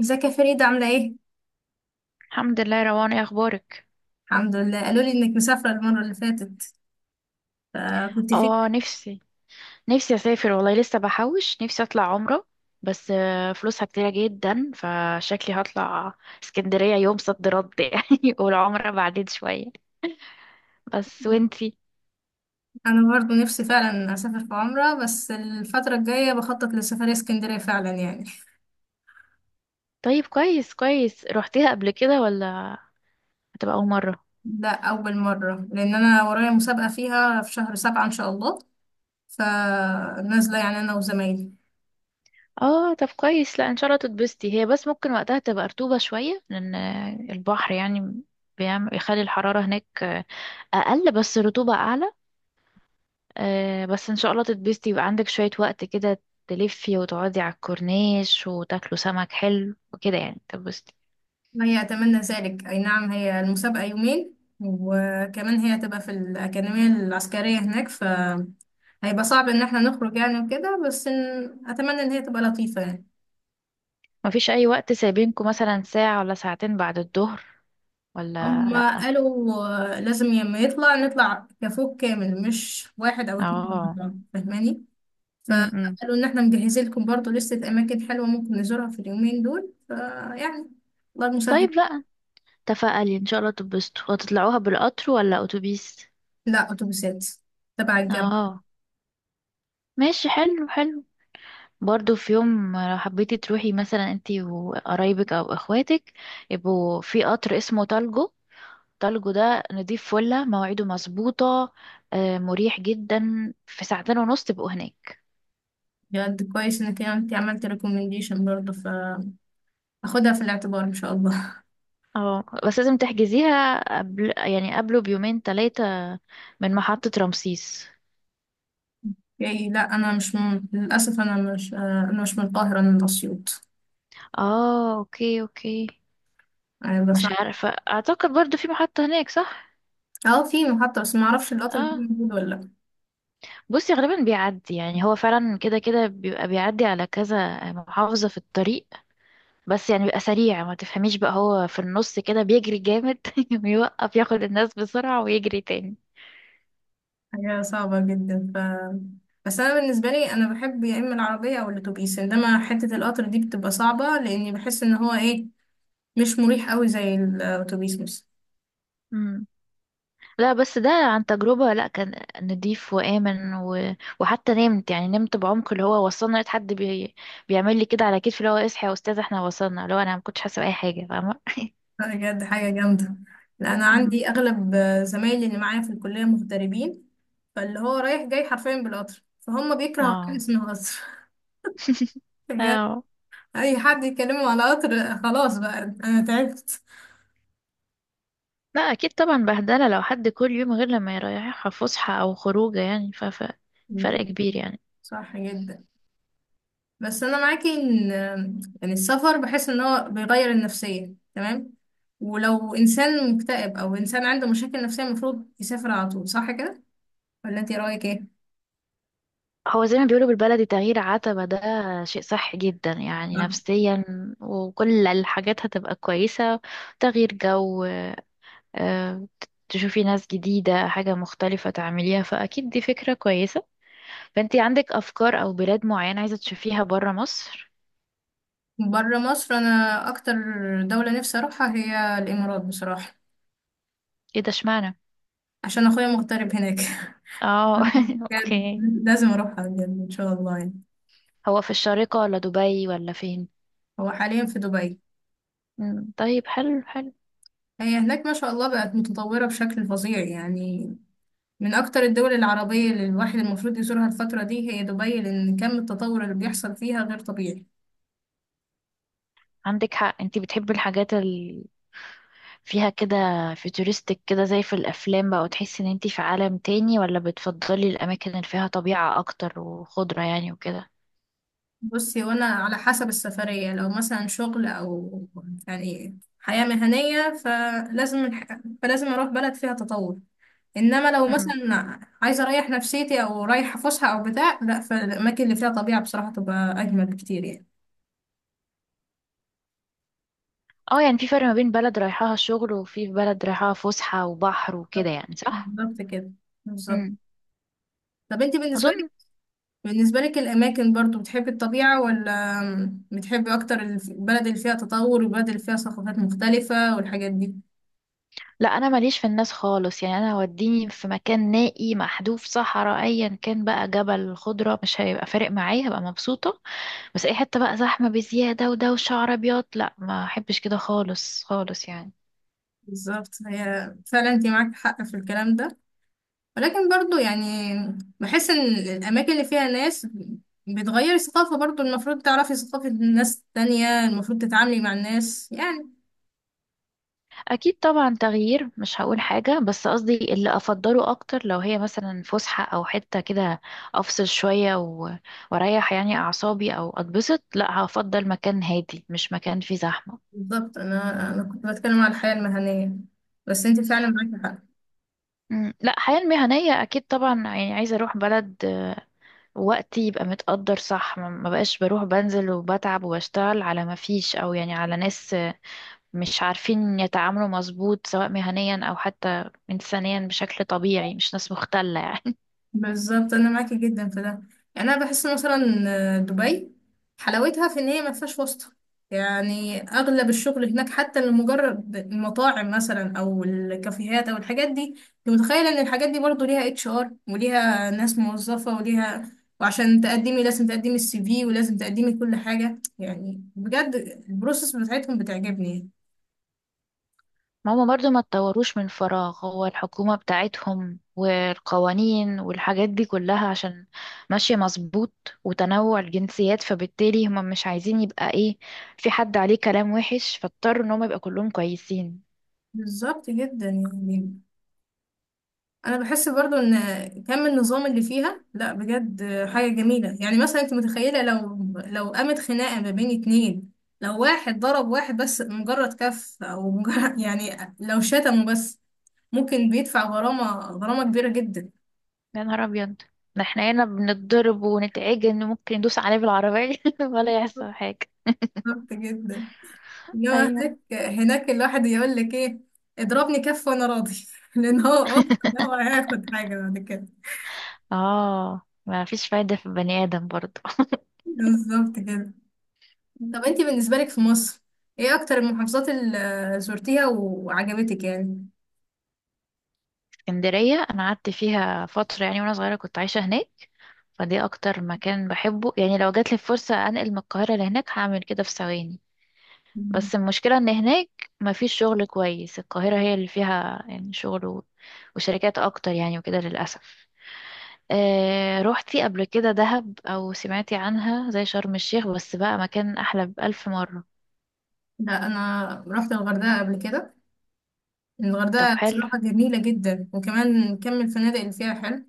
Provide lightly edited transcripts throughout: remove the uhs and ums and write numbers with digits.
ازيك يا فريدة عاملة ايه؟ الحمد لله يا روان، ايه اخبارك؟ الحمد لله قالوا لي انك مسافرة المرة اللي فاتت فكنت فين؟ اه، نفسي اسافر والله، لسه بحوش نفسي اطلع عمره. بس فلوسها كتيرة جدا، فشكلي هطلع اسكندرية يوم صد رد يعني والعمرة بعدين شوية. بس وانتي؟ انا برضو نفسي فعلا اسافر في عمرة، بس الفترة الجاية بخطط لسفرية اسكندرية فعلا يعني. طيب، كويس كويس. روحتيها قبل كده، ولا هتبقى اول مرة؟ ده اول مرة لان انا ورايا مسابقة فيها في شهر سبعة ان شاء الله، فنازلة يعني انا وزمايلي. اه، طب كويس. لا ان شاء الله تتبسطي، هي بس ممكن وقتها تبقى رطوبة شوية، لان البحر يعني بيعمل يخلي الحرارة هناك اقل، بس الرطوبة اعلى. آه بس ان شاء الله تتبسطي. يبقى عندك شوية وقت كده، تلفي وتقعدي على الكورنيش وتاكلوا سمك حلو وكده، يعني تتبسطي. هي اتمنى ذلك، اي نعم هي المسابقة يومين، وكمان هي هتبقى في الأكاديمية العسكرية هناك، ف هيبقى صعب ان احنا نخرج يعني وكده، بس إن... اتمنى ان هي تبقى لطيفة يعني. مفيش اي وقت سايبينكم، مثلا ساعة ولا ساعتين بعد الظهر، ولا هما لا؟ قالوا لازم لما يطلع نطلع كفوق كامل، مش واحد أو اتنين مع اه. بعض، فاهماني؟ امم فقالوا إن احنا مجهزين لكم برضه لستة أماكن حلوة ممكن نزورها في اليومين دول، فيعني الله المسهل. طيب. لا تفائلي، ان شاء الله تتبسطوا. وتطلعوها بالقطر ولا اتوبيس؟ لا، أتوبيسات تبع الجامعة. اه، ماشي. حلو حلو. برضو في يوم لو حبيتي تروحي مثلا انتي وقرايبك او اخواتك، يبقوا في قطر اسمه تالجو. تالجو ده نضيف، فله مواعيده مظبوطة، مريح جدا، في ساعتين ونص تبقوا هناك. بجد كويس إنك أنت عملت ريكومنديشن برضه، فأخدها في الاعتبار إن شاء الله. اه بس لازم تحجزيها قبل، يعني قبله بيومين ثلاثة، من محطة رمسيس. يعني لا، أنا مش من... للأسف أنا مش أنا مش من القاهرة، أنا من أسيوط. اه اوكي اوكي. يعني بس. مش عارفة، اعتقد برضو في محطة هناك صح. اه في محطة، بس معرفش القطر ده اه، موجود ولا لأ. بصي غالبا بيعدي، يعني هو فعلا كده كده بيبقى بيعدي على كذا محافظة في الطريق، بس يعني بيبقى سريع، ما تفهميش بقى، هو في النص كده بيجري جامد ويوقف ياخد الناس بسرعة ويجري تاني. هي صعبة جدا ف بس أنا بالنسبة لي أنا بحب يا إما العربية أو الأتوبيس، إنما حتة القطر دي بتبقى صعبة لأني بحس إن هو إيه، مش مريح أوي زي الأتوبيس مثلا. مم. لا بس ده عن تجربة، لا كان نضيف وآمن وحتى نمت، يعني نمت بعمق، اللي هو وصلنا لقيت حد بيعمل لي كده على كتفي، اللي هو اصحى يا أستاذ احنا وصلنا، اللي هو أنا ما كنتش حاسة بأي حاجة فاهمة. بجد حاجة جامدة. لأ أنا مم. عندي أغلب زمايلي اللي معايا في الكلية مغتربين، فاللي هو رايح جاي حرفيا بالقطر، فهم بيكرهوا حاجة اه. اسمها قطر. بجد. اه. أي حد يكلمه على قطر خلاص بقى، أنا تعبت. لا أكيد طبعا بهدلة، لو حد كل يوم غير لما يريحها فسحة أو خروجة يعني مم. فرق كبير يعني. صح جدا. بس انا معاكي ان يعني السفر بحس ان هو بيغير النفسية تمام، ولو انسان مكتئب او انسان عنده مشاكل نفسية المفروض يسافر على طول، صح كده ولا انت رايك ايه؟ هو زي ما بيقولوا بالبلدي، تغيير عتبة ده شيء صح جدا يعني، صح. نفسيا وكل الحاجات هتبقى كويسة. تغيير جو، آه، تشوفي ناس جديدة، حاجة مختلفة تعمليها، فأكيد دي فكرة كويسة. فأنتي عندك أفكار أو بلاد معينة عايزة تشوفيها برا مصر؟ بره مصر انا اكتر دولة نفسي اروحها هي الامارات بصراحة. ايه ده، اشمعنى؟ عشان اخويا مغترب هناك. اه بجد اوكي. لازم اروحها بجد ان شاء الله يعني. هو في الشارقة ولا دبي ولا فين؟ هو حاليا في دبي. مم، طيب حلو حلو. هي هناك ما شاء الله بقت متطورة بشكل فظيع يعني. من أكتر الدول العربية اللي الواحد المفروض يزورها الفترة دي هي دبي، لأن كم التطور اللي بيحصل فيها غير طبيعي. عندك حق، انتي بتحبي الحاجات فيها كده، فيوتوريستك كده، زي في الافلام بقى، وتحسي ان انتي في عالم تاني، ولا بتفضلي الاماكن اللي فيها طبيعة اكتر وخضرة يعني وكده؟ بصي، وأنا على حسب السفرية، لو مثلا شغل أو يعني حياة مهنية فلازم فلازم أروح بلد فيها تطور. إنما لو امم مثلا عايزة أريح نفسيتي أو رايحة فسحة أو بتاع، لأ فالأماكن اللي فيها طبيعة بصراحة تبقى أجمل بكتير يعني. اه. يعني في فرق ما بين بلد رايحاها شغل، وفي بلد رايحاها فسحة وبحر وكده، بالظبط. يعني صح. بالظبط كده. بالظبط. امم طب انت بالنسبة اظن بالنسبة لك الأماكن برضو بتحبي الطبيعة، ولا بتحبي أكتر البلد اللي فيها تطور والبلد اللي فيها ثقافات مختلفة والحاجات دي؟ لا، انا ماليش في الناس خالص يعني، انا وديني في مكان نائي محذوف، صحراء ايا كان بقى، جبل، خضرة، مش هيبقى فارق معايا، هبقى مبسوطة. بس اي حتة بقى زحمة بزيادة ودوشة عربيات، لا ما احبش كده خالص خالص يعني. بالظبط. هي فعلا انت معاك حق في الكلام ده، ولكن برضو يعني بحس إن الأماكن اللي فيها ناس بتغير الثقافة، برضو المفروض تعرفي ثقافة ناس تانية، المفروض تتعاملي مع الناس يعني. اكيد طبعا تغيير مش هقول حاجه، بس قصدي اللي افضله اكتر، لو هي مثلا فسحه او حته كده افصل شويه واريح يعني اعصابي او اتبسط، لا هفضل مكان هادي مش مكان فيه زحمه. بالظبط. أنا كنت بتكلم على الحياة المهنية، بس انت فعلا معاكي حق. مم. لا الحياه المهنيه اكيد طبعا، يعني عايزه اروح بلد وقتي يبقى متقدر صح، ما بقاش بروح بنزل وبتعب وبشتغل على ما فيش، او يعني على ناس مش عارفين يتعاملوا مظبوط، سواء مهنيا او حتى انسانيا بشكل طبيعي، مش ناس مختله يعني. بالظبط انا معاكي جدا في ده. يعني انا بحس مثلا دبي حلاوتها في ان هي ما فيهاش واسطه. يعني اغلب الشغل هناك، حتى لمجرد المطاعم مثلا او الكافيهات او الحاجات دي، انت متخيله ان الحاجات دي برضو ليها اتش ار وليها ناس موظفه وليها، وعشان تقدمي لازم تقدمي السي في ولازم تقدمي كل حاجه يعني. بجد البروسيس بتاعتهم بتعجبني. ما هما برضو ما اتطوروش من فراغ، هو الحكومة بتاعتهم والقوانين والحاجات دي كلها عشان ماشية مظبوط، وتنوع الجنسيات، فبالتالي هما مش عايزين يبقى ايه، في حد عليه كلام وحش، فاضطروا ان هما يبقى كلهم كويسين. بالظبط جدا يعني. انا بحس برضو ان كم النظام اللي فيها، لا بجد حاجه جميله يعني. مثلا انت متخيله لو قامت خناقه ما بين اتنين، لو واحد ضرب واحد بس مجرد كف او مجرد يعني لو شتمه بس، ممكن بيدفع غرامه، غرامه كبيره جدا. يا نهار ابيض، ده احنا هنا بنتضرب ونتعجن، ممكن ندوس عليه بالعربية ولا يحصل حاجة. بالظبط جدا. انما ايوه. هناك، هناك الواحد يقول لك ايه، اضربني كف وانا راضي، لان هو واثق إن هو هياخد حاجه بعد كده. اه ما فيش فايدة في البني آدم برضو. بالظبط كده. طب انتي بالنسبة لك في مصر ايه اكتر المحافظات اللي زرتيها وعجبتك يعني؟ اسكندرية أنا قعدت فيها فترة يعني، وأنا صغيرة كنت عايشة هناك، فدي أكتر مكان بحبه يعني، لو جاتلي فرصة أنقل من القاهرة لهناك هعمل كده في ثواني. مم. بس المشكلة إن هناك مفيش شغل كويس، القاهرة هي اللي فيها يعني شغل وشركات أكتر يعني وكده للأسف. آه روحتي قبل كده دهب، أو سمعتي عنها؟ زي شرم الشيخ، بس بقى مكان أحلى بألف مرة. لا انا رحت الغردقة قبل كده. طب الغردقة حلو. بصراحة جميلة جدا، وكمان كم الفنادق اللي فيها حلو.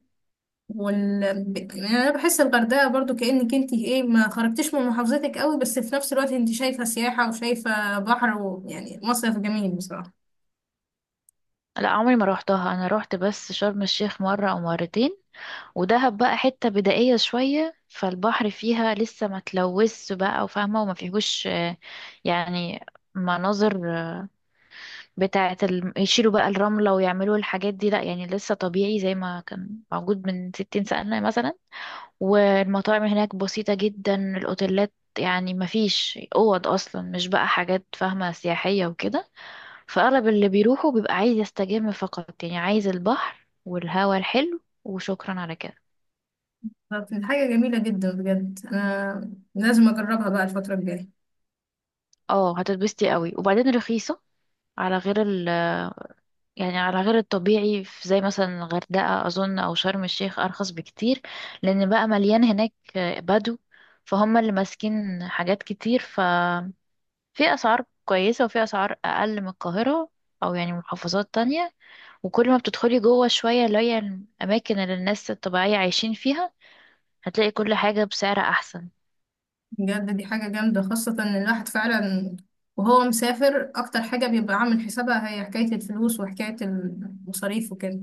يعني انا بحس الغردقة برضو كأنك انتي ايه ما خرجتيش من محافظتك قوي، بس في نفس الوقت انتي شايفة سياحة وشايفة بحر، ويعني مصيف جميل بصراحة. لا عمري ما روحتها، أنا روحت بس شرم الشيخ مرة أو مرتين. ودهب بقى حتة بدائية شوية، فالبحر فيها لسه ما تلوثش بقى وفاهمة، وما فيهوش يعني مناظر، بتاعة يشيلوا بقى الرملة ويعملوا الحاجات دي، لأ يعني لسه طبيعي زي ما كان موجود من 60 سنة مثلا. والمطاعم هناك بسيطة جدا، الأوتيلات يعني ما فيش أوض أصلا، مش بقى حاجات فاهمة سياحية وكده، فأغلب اللي بيروحوا بيبقى عايز يستجم فقط، يعني عايز البحر والهواء الحلو، وشكرا على كده. فكانت حاجة جميلة جدا بجد، انا لازم اجربها بقى الفترة الجاية. اه هتتبسطي قوي، وبعدين رخيصة على غير يعني على غير الطبيعي، في زي مثلا الغردقة أظن أو شرم الشيخ، أرخص بكتير، لأن بقى مليان هناك بدو، فهم اللي ماسكين حاجات كتير، ففي أسعار كويسة وفي أسعار أقل من القاهرة، أو يعني محافظات تانية. وكل ما بتدخلي جوه شوية، اللي هي الأماكن اللي الناس الطبيعية عايشين فيها، هتلاقي كل حاجة بسعر أحسن. بجد دي حاجة جامدة، خاصة إن الواحد فعلا وهو مسافر أكتر حاجة بيبقى عامل حسابها هي حكاية الفلوس وحكاية المصاريف وكده.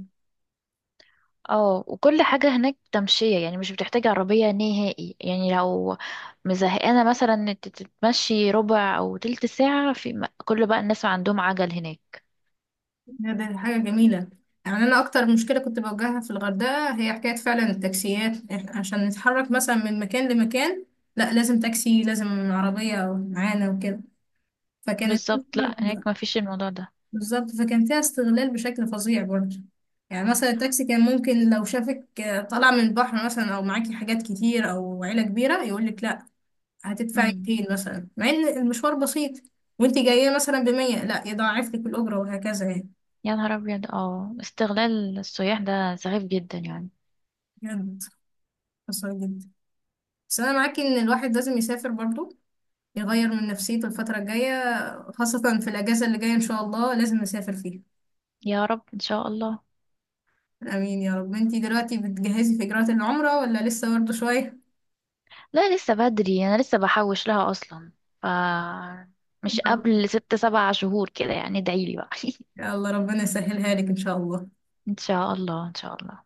اه وكل حاجة هناك تمشية يعني، مش بتحتاج عربية نهائي يعني، لو مزهقانة مثلا إن انت تتمشي ربع او تلت ساعة في كل بقى الناس عندهم عجل هناك. بجد دي حاجة جميلة. يعني أنا أكتر مشكلة كنت بواجهها في الغردقة هي حكاية فعلا التاكسيات، عشان نتحرك مثلا من مكان لمكان لا لازم تاكسي، لازم عربية معانا وكده. فكانت بالظبط، لا هناك ما فيش الموضوع ده. بالظبط. فكان فيها استغلال بشكل فظيع برضه. يعني مثلا التاكسي كان ممكن لو شافك طالع من البحر مثلا او معاكي حاجات كتير او عيلة كبيرة، يقول لك لا هتدفعي امم 200 مثلا، مع ان المشوار بسيط وانت جاية مثلا ب 100، لا يضاعف لك الأجرة وهكذا يعني. يا نهار ابيض، اه استغلال السياح ده سخيف جدا يعني. بجد خسارة جدا. بس انا معاكي ان الواحد لازم يسافر برضه، يغير من نفسيته الفترة الجاية، خاصة في الأجازة اللي جاية إن شاء الله لازم نسافر فيها. يا رب، ان شاء الله. آمين يا رب. انتي دلوقتي بتجهزي في إجراءات العمرة ولا لسه برضه شوية؟ لا لسه بدري، انا لسه بحوش لها اصلا، ف مش قبل ست سبع شهور كده يعني، ادعيلي بقى. يا الله ربنا يسهلها لك ان شاء الله. ان شاء الله، ان شاء الله.